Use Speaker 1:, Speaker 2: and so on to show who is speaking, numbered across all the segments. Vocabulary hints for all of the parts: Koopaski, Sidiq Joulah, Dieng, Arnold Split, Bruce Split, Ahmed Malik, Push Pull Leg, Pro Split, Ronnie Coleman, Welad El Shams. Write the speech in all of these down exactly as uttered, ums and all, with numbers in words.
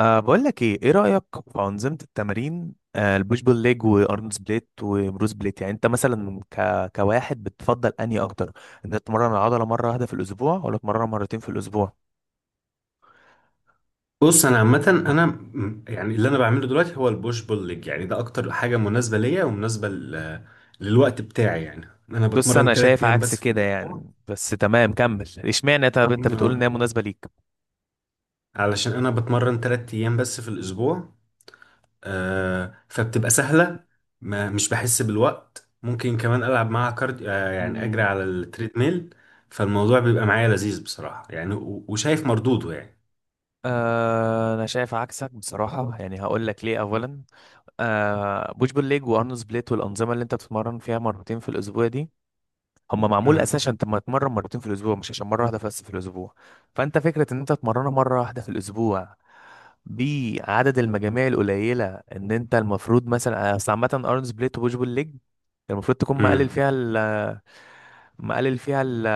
Speaker 1: أه بقول لك ايه ايه رأيك في أنظمة التمارين، أه البوش بول ليج وارنولد سبليت وبروس بليت؟ يعني انت مثلا ك... كواحد بتفضل انهي اكتر؟ انت تتمرن العضلة مرة واحدة في الاسبوع ولا تتمرنها مرتين في الاسبوع؟
Speaker 2: بص انا عامه انا م- يعني اللي انا بعمله دلوقتي هو البوش بول ليج. يعني ده اكتر حاجه مناسبه ليا ومناسبه ل- للوقت بتاعي. يعني انا
Speaker 1: بص،
Speaker 2: بتمرن
Speaker 1: انا
Speaker 2: تلات
Speaker 1: شايف
Speaker 2: ايام
Speaker 1: عكس
Speaker 2: بس في
Speaker 1: كده
Speaker 2: الاسبوع.
Speaker 1: يعني، بس تمام كمل. اشمعنى؟ طب انت بتقول
Speaker 2: آه،
Speaker 1: ان هي مناسبة ليك.
Speaker 2: علشان انا بتمرن تلات ايام بس في الاسبوع. آه، فبتبقى سهله. ما مش بحس بالوقت، ممكن كمان العب معاها كارد. آه، يعني اجري
Speaker 1: أمم.
Speaker 2: على التريدميل. فالموضوع بيبقى معايا لذيذ بصراحه، يعني و- وشايف مردوده يعني.
Speaker 1: أه انا شايف عكسك بصراحة، يعني هقول لك ليه. اولا، أه بوش بول ليج وارنولد سبليت والأنظمة اللي انت بتتمرن فيها مرتين في الاسبوع دي، هما معمول اساسا
Speaker 2: امم
Speaker 1: عشان تبقى تتمرن مرتين في الاسبوع، مش عشان مره واحده بس في الاسبوع. فانت فكره ان انت تتمرنها مره واحده في الاسبوع بعدد المجاميع القليله، ان انت المفروض مثلا، اصل عامه ارن سبليت وبوش بول ليج المفروض تكون مقلل
Speaker 2: امم
Speaker 1: فيها ال... مقلل فيها ال...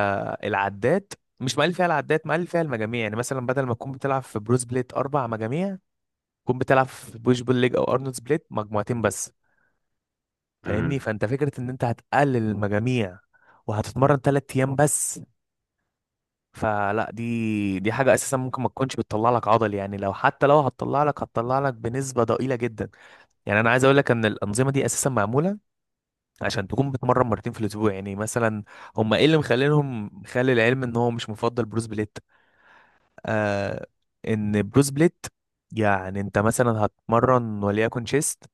Speaker 1: العدات. مش مقلل فيها العدات، مقلل فيها المجاميع. يعني مثلا بدل ما تكون بتلعب في برو سبليت اربع مجاميع، تكون بتلعب في بوش بول ليج او ارنولد سبليت مجموعتين بس. فاهمني؟
Speaker 2: امم
Speaker 1: فانت فكره ان انت هتقلل المجاميع وهتتمرن ثلاث ايام بس، فلا، دي دي حاجة أساسا ممكن ما تكونش بتطلع لك عضل. يعني لو حتى لو هتطلع لك، هتطلع لك بنسبة ضئيلة جدا. يعني أنا عايز أقول لك إن الأنظمة دي أساسا معمولة عشان تكون بتمرن مرتين في الأسبوع. يعني مثلا هم إيه اللي مخلينهم، مخلي العلم إن هو مش مفضل بروس بليت؟ آه. إن بروس بليت، يعني أنت مثلا هتمرن وليكن شيست،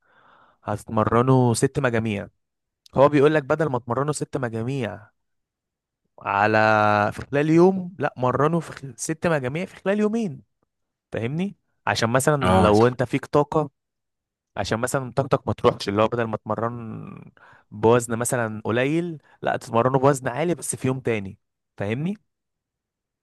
Speaker 1: هتمرنه ست مجاميع. هو بيقول لك بدل ما تمرنه ست مجاميع على، في خلال يوم، لا مرنه في خل- ست مجاميع في خلال يومين. فاهمني؟ عشان مثلا
Speaker 2: اه،
Speaker 1: لو انت فيك طاقة، عشان مثلا طاقتك ما تروحش، اللي هو بدل ما تمرن بوزن مثلا قليل، لا تتمرنه بوزن عالي بس في يوم تاني. فاهمني؟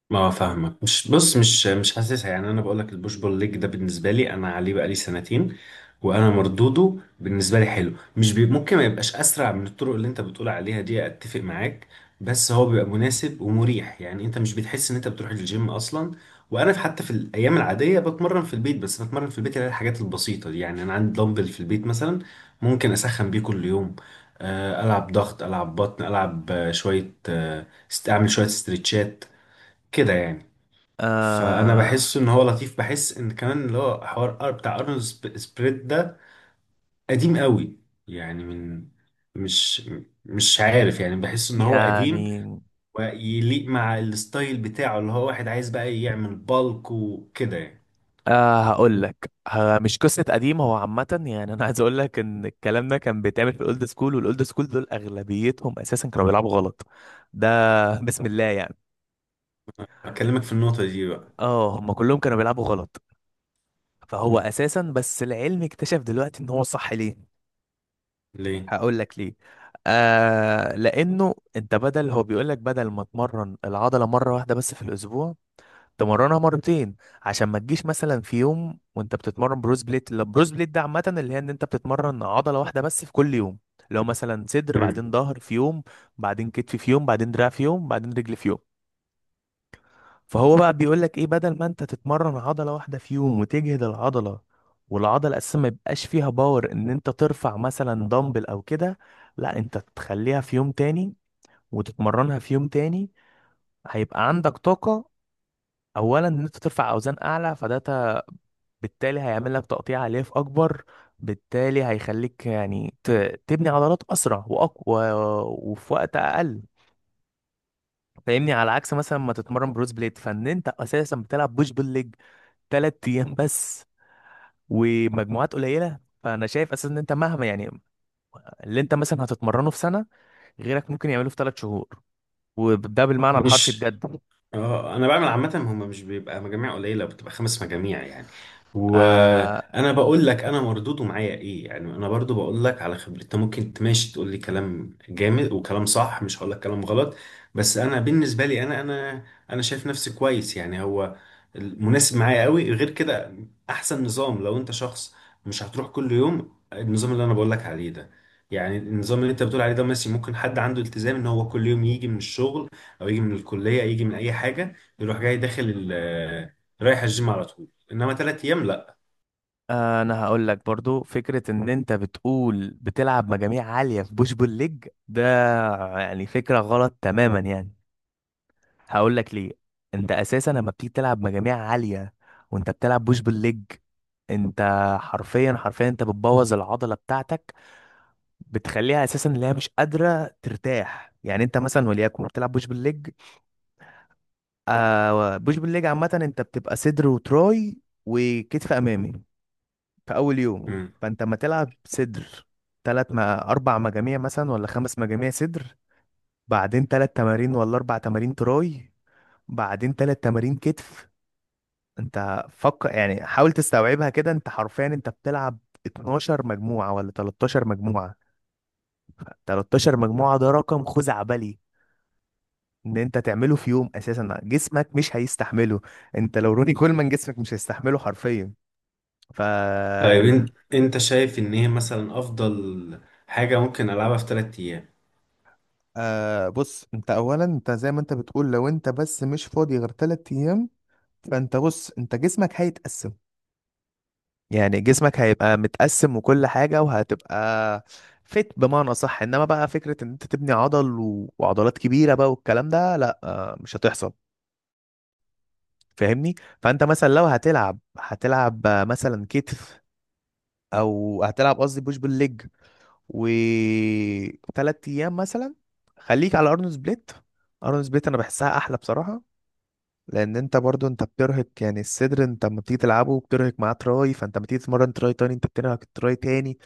Speaker 2: ما فاهمك. مش بص مش مش حاسسها. يعني انا بقول لك البوش بول ليج ده بالنسبه لي انا عليه بقالي سنتين، وانا مردوده بالنسبه لي حلو. مش بي ممكن ما يبقاش اسرع من الطرق اللي انت بتقول عليها دي، اتفق معاك. بس هو بيبقى مناسب ومريح. يعني انت مش بتحس ان انت بتروح الجيم اصلا. وانا في- حتى في الايام العاديه بتمرن في البيت. بس بتمرن في البيت اللي هي الحاجات البسيطه دي. يعني انا عندي دمبل في البيت مثلا، ممكن اسخن بيه كل يوم. آه، العب ضغط، العب بطن، العب آه، شويه، آه، است- اعمل شويه استرتشات كده يعني. فانا
Speaker 1: آه.
Speaker 2: بحس ان هو لطيف. بحس ان كمان اللي هو حوار أر- بتاع ارنولد سب- سبريد ده قديم قوي. يعني من، مش مش عارف، يعني بحس ان هو قديم
Speaker 1: يعني
Speaker 2: ويليق مع الستايل بتاعه اللي هو واحد عايز بقى يعمل بالك وكده يعني.
Speaker 1: آه هقول لك. آه مش قصة قديمة، هو عامة يعني انا عايز اقول لك ان الكلام ده كان بيتعمل في الاولد سكول، والاولد سكول دول اغلبيتهم اساسا كانوا بيلعبوا غلط. ده بسم الله يعني.
Speaker 2: اكلمك في النقطة دي بقى.
Speaker 1: اه، هم كلهم كانوا بيلعبوا غلط. فهو
Speaker 2: مم.
Speaker 1: اساسا بس العلم اكتشف دلوقتي ان هو صح. ليه؟
Speaker 2: ليه؟
Speaker 1: هقول لك ليه. آه لانه انت بدل، هو بيقول لك بدل ما تمرن العضله مره واحده بس في الاسبوع، تمرنها مرتين. عشان ما تجيش مثلا في يوم وانت بتتمرن بروز بليت. لا، بروز بليت ده عامه اللي هي ان انت بتتمرن عضله واحده بس في كل يوم. لو مثلا صدر،
Speaker 2: مم.
Speaker 1: بعدين ظهر في يوم، بعدين كتف في يوم، بعدين دراع في يوم، بعدين رجل في يوم. فهو بقى بيقول لك ايه، بدل ما انت تتمرن عضله واحده في يوم وتجهد العضله، والعضله اساسا ما يبقاش فيها باور ان انت ترفع مثلا دمبل او كده، لا انت تخليها في يوم تاني وتتمرنها في يوم تاني. هيبقى عندك طاقه اولا ان انت ترفع اوزان اعلى، فده ت- بالتالي هيعمل لك تقطيع الياف اكبر، بالتالي هيخليك يعني ت- تبني عضلات اسرع واقوى وفي وقت اقل. فاهمني؟ على عكس مثلا ما تتمرن بروز بليت، فان انت اساسا بتلعب بوش بول ليج تلات ايام بس ومجموعات قليله. فانا شايف اساسا ان انت مهما يعني، اللي انت مثلا هتتمرنه في سنه غيرك ممكن يعمله في ثلاث شهور. وده بالمعنى الحرفي
Speaker 2: مش
Speaker 1: بجد.
Speaker 2: اه، انا بعمل عامه. هم مش بيبقى مجاميع قليله، بتبقى خمس مجاميع يعني.
Speaker 1: آه
Speaker 2: وانا بقول لك انا مردوده معايا ايه. يعني انا برضو بقول لك على خبرتي، انت ممكن تماشي تقول لي كلام جامد وكلام صح، مش هقول لك كلام غلط. بس انا بالنسبه لي، انا انا انا شايف نفسي كويس يعني. هو مناسب معايا قوي. غير كده، احسن نظام لو انت شخص مش هتروح كل يوم، النظام اللي انا بقول لك عليه ده. يعني النظام اللي انت بتقول عليه ده ماشي، ممكن حد عنده التزام ان هو كل يوم يجي من الشغل او يجي من الكليه، يجي من اي حاجه يروح جاي داخل ال- آه، رايح الجيم على طول. انما ثلاث ايام لا.
Speaker 1: آه، انا هقول لك برضو، فكره ان انت بتقول بتلعب مجاميع عاليه في بوش بول ليج ده، يعني فكره غلط تماما يعني. هقول لك ليه. انت اساسا لما بتيجي تلعب مجاميع عاليه وانت بتلعب بوش بول ليج، انت حرفيا، حرفيا انت بتبوظ العضله بتاعتك. بتخليها اساسا اللي هي مش قادره ترتاح. يعني انت مثلا وليكن بتلعب بوش بالليج، آه بوش بالليج عامه انت بتبقى صدر وتراي وكتف امامي في اول يوم.
Speaker 2: مم.
Speaker 1: فانت ما تلعب صدر تلات ما اربع مجاميع مثلا ولا خمس مجاميع صدر، بعدين تلات تمارين ولا اربع تمارين تراي، بعدين تلات تمارين كتف. انت فكر يعني، حاول تستوعبها كده. انت حرفيا انت بتلعب اتناشر مجموعة ولا تلتاشر مجموعة. تلتاشر مجموعة ده رقم خزعبلي ان انت تعمله في يوم. اساسا جسمك مش هيستحمله. انت لو روني كولمان جسمك مش هيستحمله حرفيا. ف
Speaker 2: طيب انت، انت شايف ان هي مثلا افضل حاجه ممكن العبها في ثلاث ايام؟
Speaker 1: آه بص، انت اولا انت زي ما انت بتقول لو انت بس مش فاضي غير تلات ايام، فانت بص انت جسمك هيتقسم. يعني جسمك هيبقى متقسم وكل حاجة، وهتبقى فت بمعنى صح. انما بقى فكرة ان انت تبني عضل و... وعضلات كبيرة بقى والكلام ده، لا آه، مش هتحصل. فاهمني؟ فانت مثلا لو هتلعب، هتلعب آه، مثلا كتف، او هتلعب، قصدي بوش بالليج وثلاث ايام مثلا. خليك على ارنولد سبليت. ارنولد سبليت انا بحسها احلى بصراحه، لان انت برضو انت بترهق يعني الصدر، انت لما بتيجي تلعبه بترهق معاه تراي، فانت لما تيجي تتمرن تراي تاني انت بترهق التراي تاني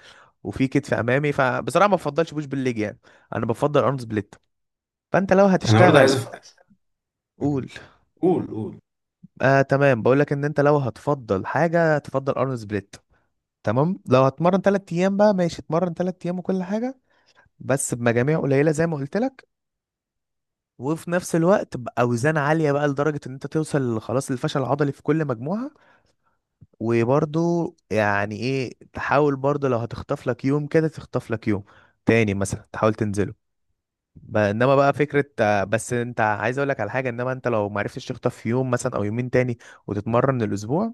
Speaker 1: وفي كتف امامي. فبصراحه ما بفضلش بوش بالليج يعني، انا بفضل ارنولد سبليت. فانت لو
Speaker 2: انا برضه عايز
Speaker 1: هتشتغل،
Speaker 2: أف... مم.
Speaker 1: قول.
Speaker 2: قول قول.
Speaker 1: آه تمام، بقول لك ان انت لو هتفضل حاجه تفضل ارنولد سبليت، تمام. لو هتمرن تلات ايام بقى ماشي، اتمرن تلات ايام وكل حاجه، بس بمجاميع قليله زي ما قلت لك، وفي نفس الوقت باوزان عاليه بقى، لدرجه ان انت توصل خلاص للفشل العضلي في كل مجموعه. وبرضو يعني ايه، تحاول برضو لو هتخطف لك يوم كده تخطف لك يوم تاني مثلا، تحاول تنزله. ب- انما بقى فكره، آه، بس انت عايز اقول لك على حاجه، انما انت لو ما عرفتش تخطف يوم مثلا او يومين تاني وتتمرن الاسبوع،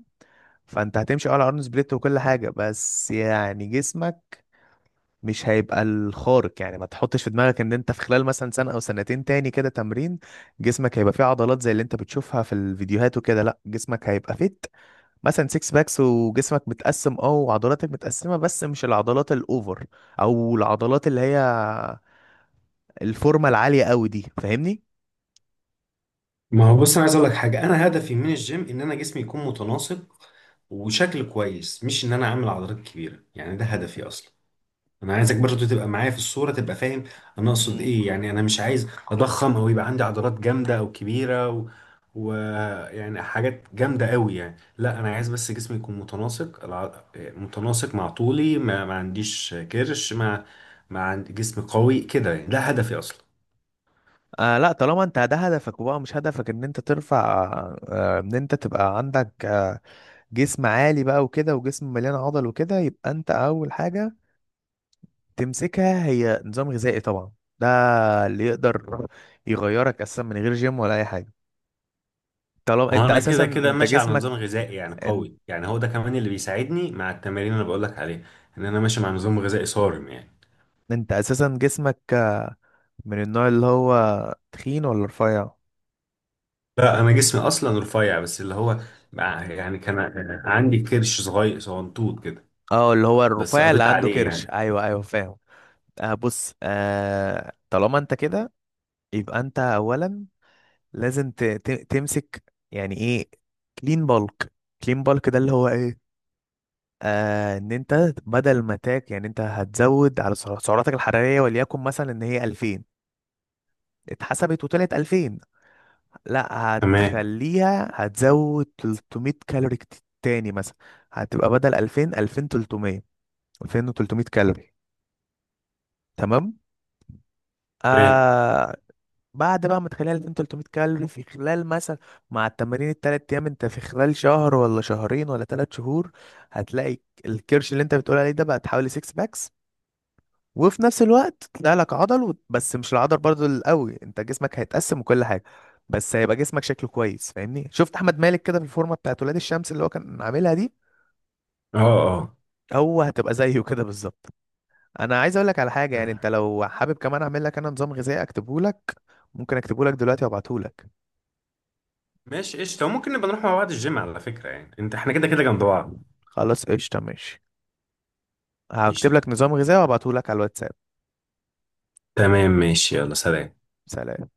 Speaker 1: فانت هتمشي آه على ارن سبليت وكل حاجه، بس يعني جسمك مش هيبقى الخارق. يعني ما تحطش في دماغك ان انت في خلال مثلا سنة او سنتين تاني كده تمرين، جسمك هيبقى فيه عضلات زي اللي انت بتشوفها في الفيديوهات وكده. لا، جسمك هيبقى فيت، مثلا سيكس باكس وجسمك متقسم اه وعضلاتك متقسمة، بس مش العضلات الاوفر او العضلات اللي هي الفورمة العالية قوي دي. فاهمني؟
Speaker 2: ما هو بص، انا عايز اقول لك حاجه. انا هدفي من الجيم ان انا جسمي يكون متناسق وشكل كويس، مش ان انا اعمل عضلات كبيره يعني. ده هدفي اصلا. انا عايزك برضو تبقى معايا في الصورة، تبقى فاهم انا اقصد ايه. يعني انا مش عايز اضخم او يبقى عندي عضلات جامدة او كبيرة و... و... يعني حاجات جامدة قوي يعني. لا انا عايز بس جسمي يكون متناسق، الع... متناسق مع طولي، ما, ما عنديش كرش، ما ما عندي جسم قوي كده يعني. ده هدفي اصلا.
Speaker 1: آه. لا، طالما انت ده هدفك وبقى مش هدفك ان انت ترفع، آه ان انت تبقى عندك آه جسم عالي بقى وكده، وجسم مليان عضل وكده، يبقى انت اول حاجة تمسكها هي نظام غذائي طبعا. ده اللي يقدر يغيرك اساسا من غير جيم ولا اي حاجه. طالما انت
Speaker 2: وانا
Speaker 1: اساسا
Speaker 2: كده كده
Speaker 1: انت
Speaker 2: ماشي على نظام
Speaker 1: جسمك،
Speaker 2: غذائي يعني
Speaker 1: انت,
Speaker 2: قوي، يعني هو ده كمان اللي بيساعدني مع التمارين اللي بقولك عليها، ان انا ماشي مع نظام غذائي صارم يعني.
Speaker 1: انت اساسا جسمك آه، من النوع اللي هو تخين ولا رفيع؟
Speaker 2: لا انا جسمي اصلا رفيع، بس اللي هو بقى- يعني كان عندي كرش صغير صغنطوط كده،
Speaker 1: اه، اللي هو
Speaker 2: بس
Speaker 1: الرفيع اللي
Speaker 2: قضيت
Speaker 1: عنده
Speaker 2: عليه
Speaker 1: كرش،
Speaker 2: يعني.
Speaker 1: ايوه ايوه، فاهم. آه بص، آه، طالما انت كده يبقى انت اولا لازم ت- ت- تمسك، يعني ايه، كلين بالك. كلين بالك ده اللي هو ايه، آه ان انت بدل ما تاك، يعني انت هتزود على سع- سعراتك الحرارية وليكن مثلا ان هي ألفين. اتحسبت وطلعت ألفين. لا،
Speaker 2: تمام.
Speaker 1: هتخليها، هتزود تلتمية كالوري كت- تاني مثلا. هتبقى بدل ألفين، ألفين وتلتمية. ألفين وتلتمية كالوري، تمام.
Speaker 2: تمام.
Speaker 1: آه. بعد بقى ما تخليها ألفين وتلتمية كالوري في خلال مثلا، مع التمارين التلات ايام، انت في خلال شهر ولا شهرين ولا تلات شهور هتلاقي الكرش اللي انت بتقول عليه ده بقى تحوالي ستة باكس. وفي نفس الوقت تطلع لك عضل و- بس مش العضل برضو القوي، انت جسمك هيتقسم وكل حاجه، بس هيبقى جسمك شكله كويس. فاهمني؟ شفت احمد مالك كده في الفورمه بتاعت ولاد الشمس اللي هو كان عاملها دي؟
Speaker 2: اه، اه.
Speaker 1: هو هتبقى زيه كده بالظبط. انا عايز اقول لك على حاجه، يعني انت لو حابب كمان اعمل لك انا نظام غذائي اكتبه لك؟ ممكن اكتبه لك دلوقتي وابعته لك.
Speaker 2: ماشي قشطة، ممكن نبقى نروح مع بعض الجيم على فكرة، يعني انت احنا كده كده جنب بعض.
Speaker 1: خلاص قشطه، ماشي، هكتب
Speaker 2: قشطة.
Speaker 1: لك نظام غذائي وابعته لك على الواتساب.
Speaker 2: تمام ماشي، يلا سلام.
Speaker 1: سلام.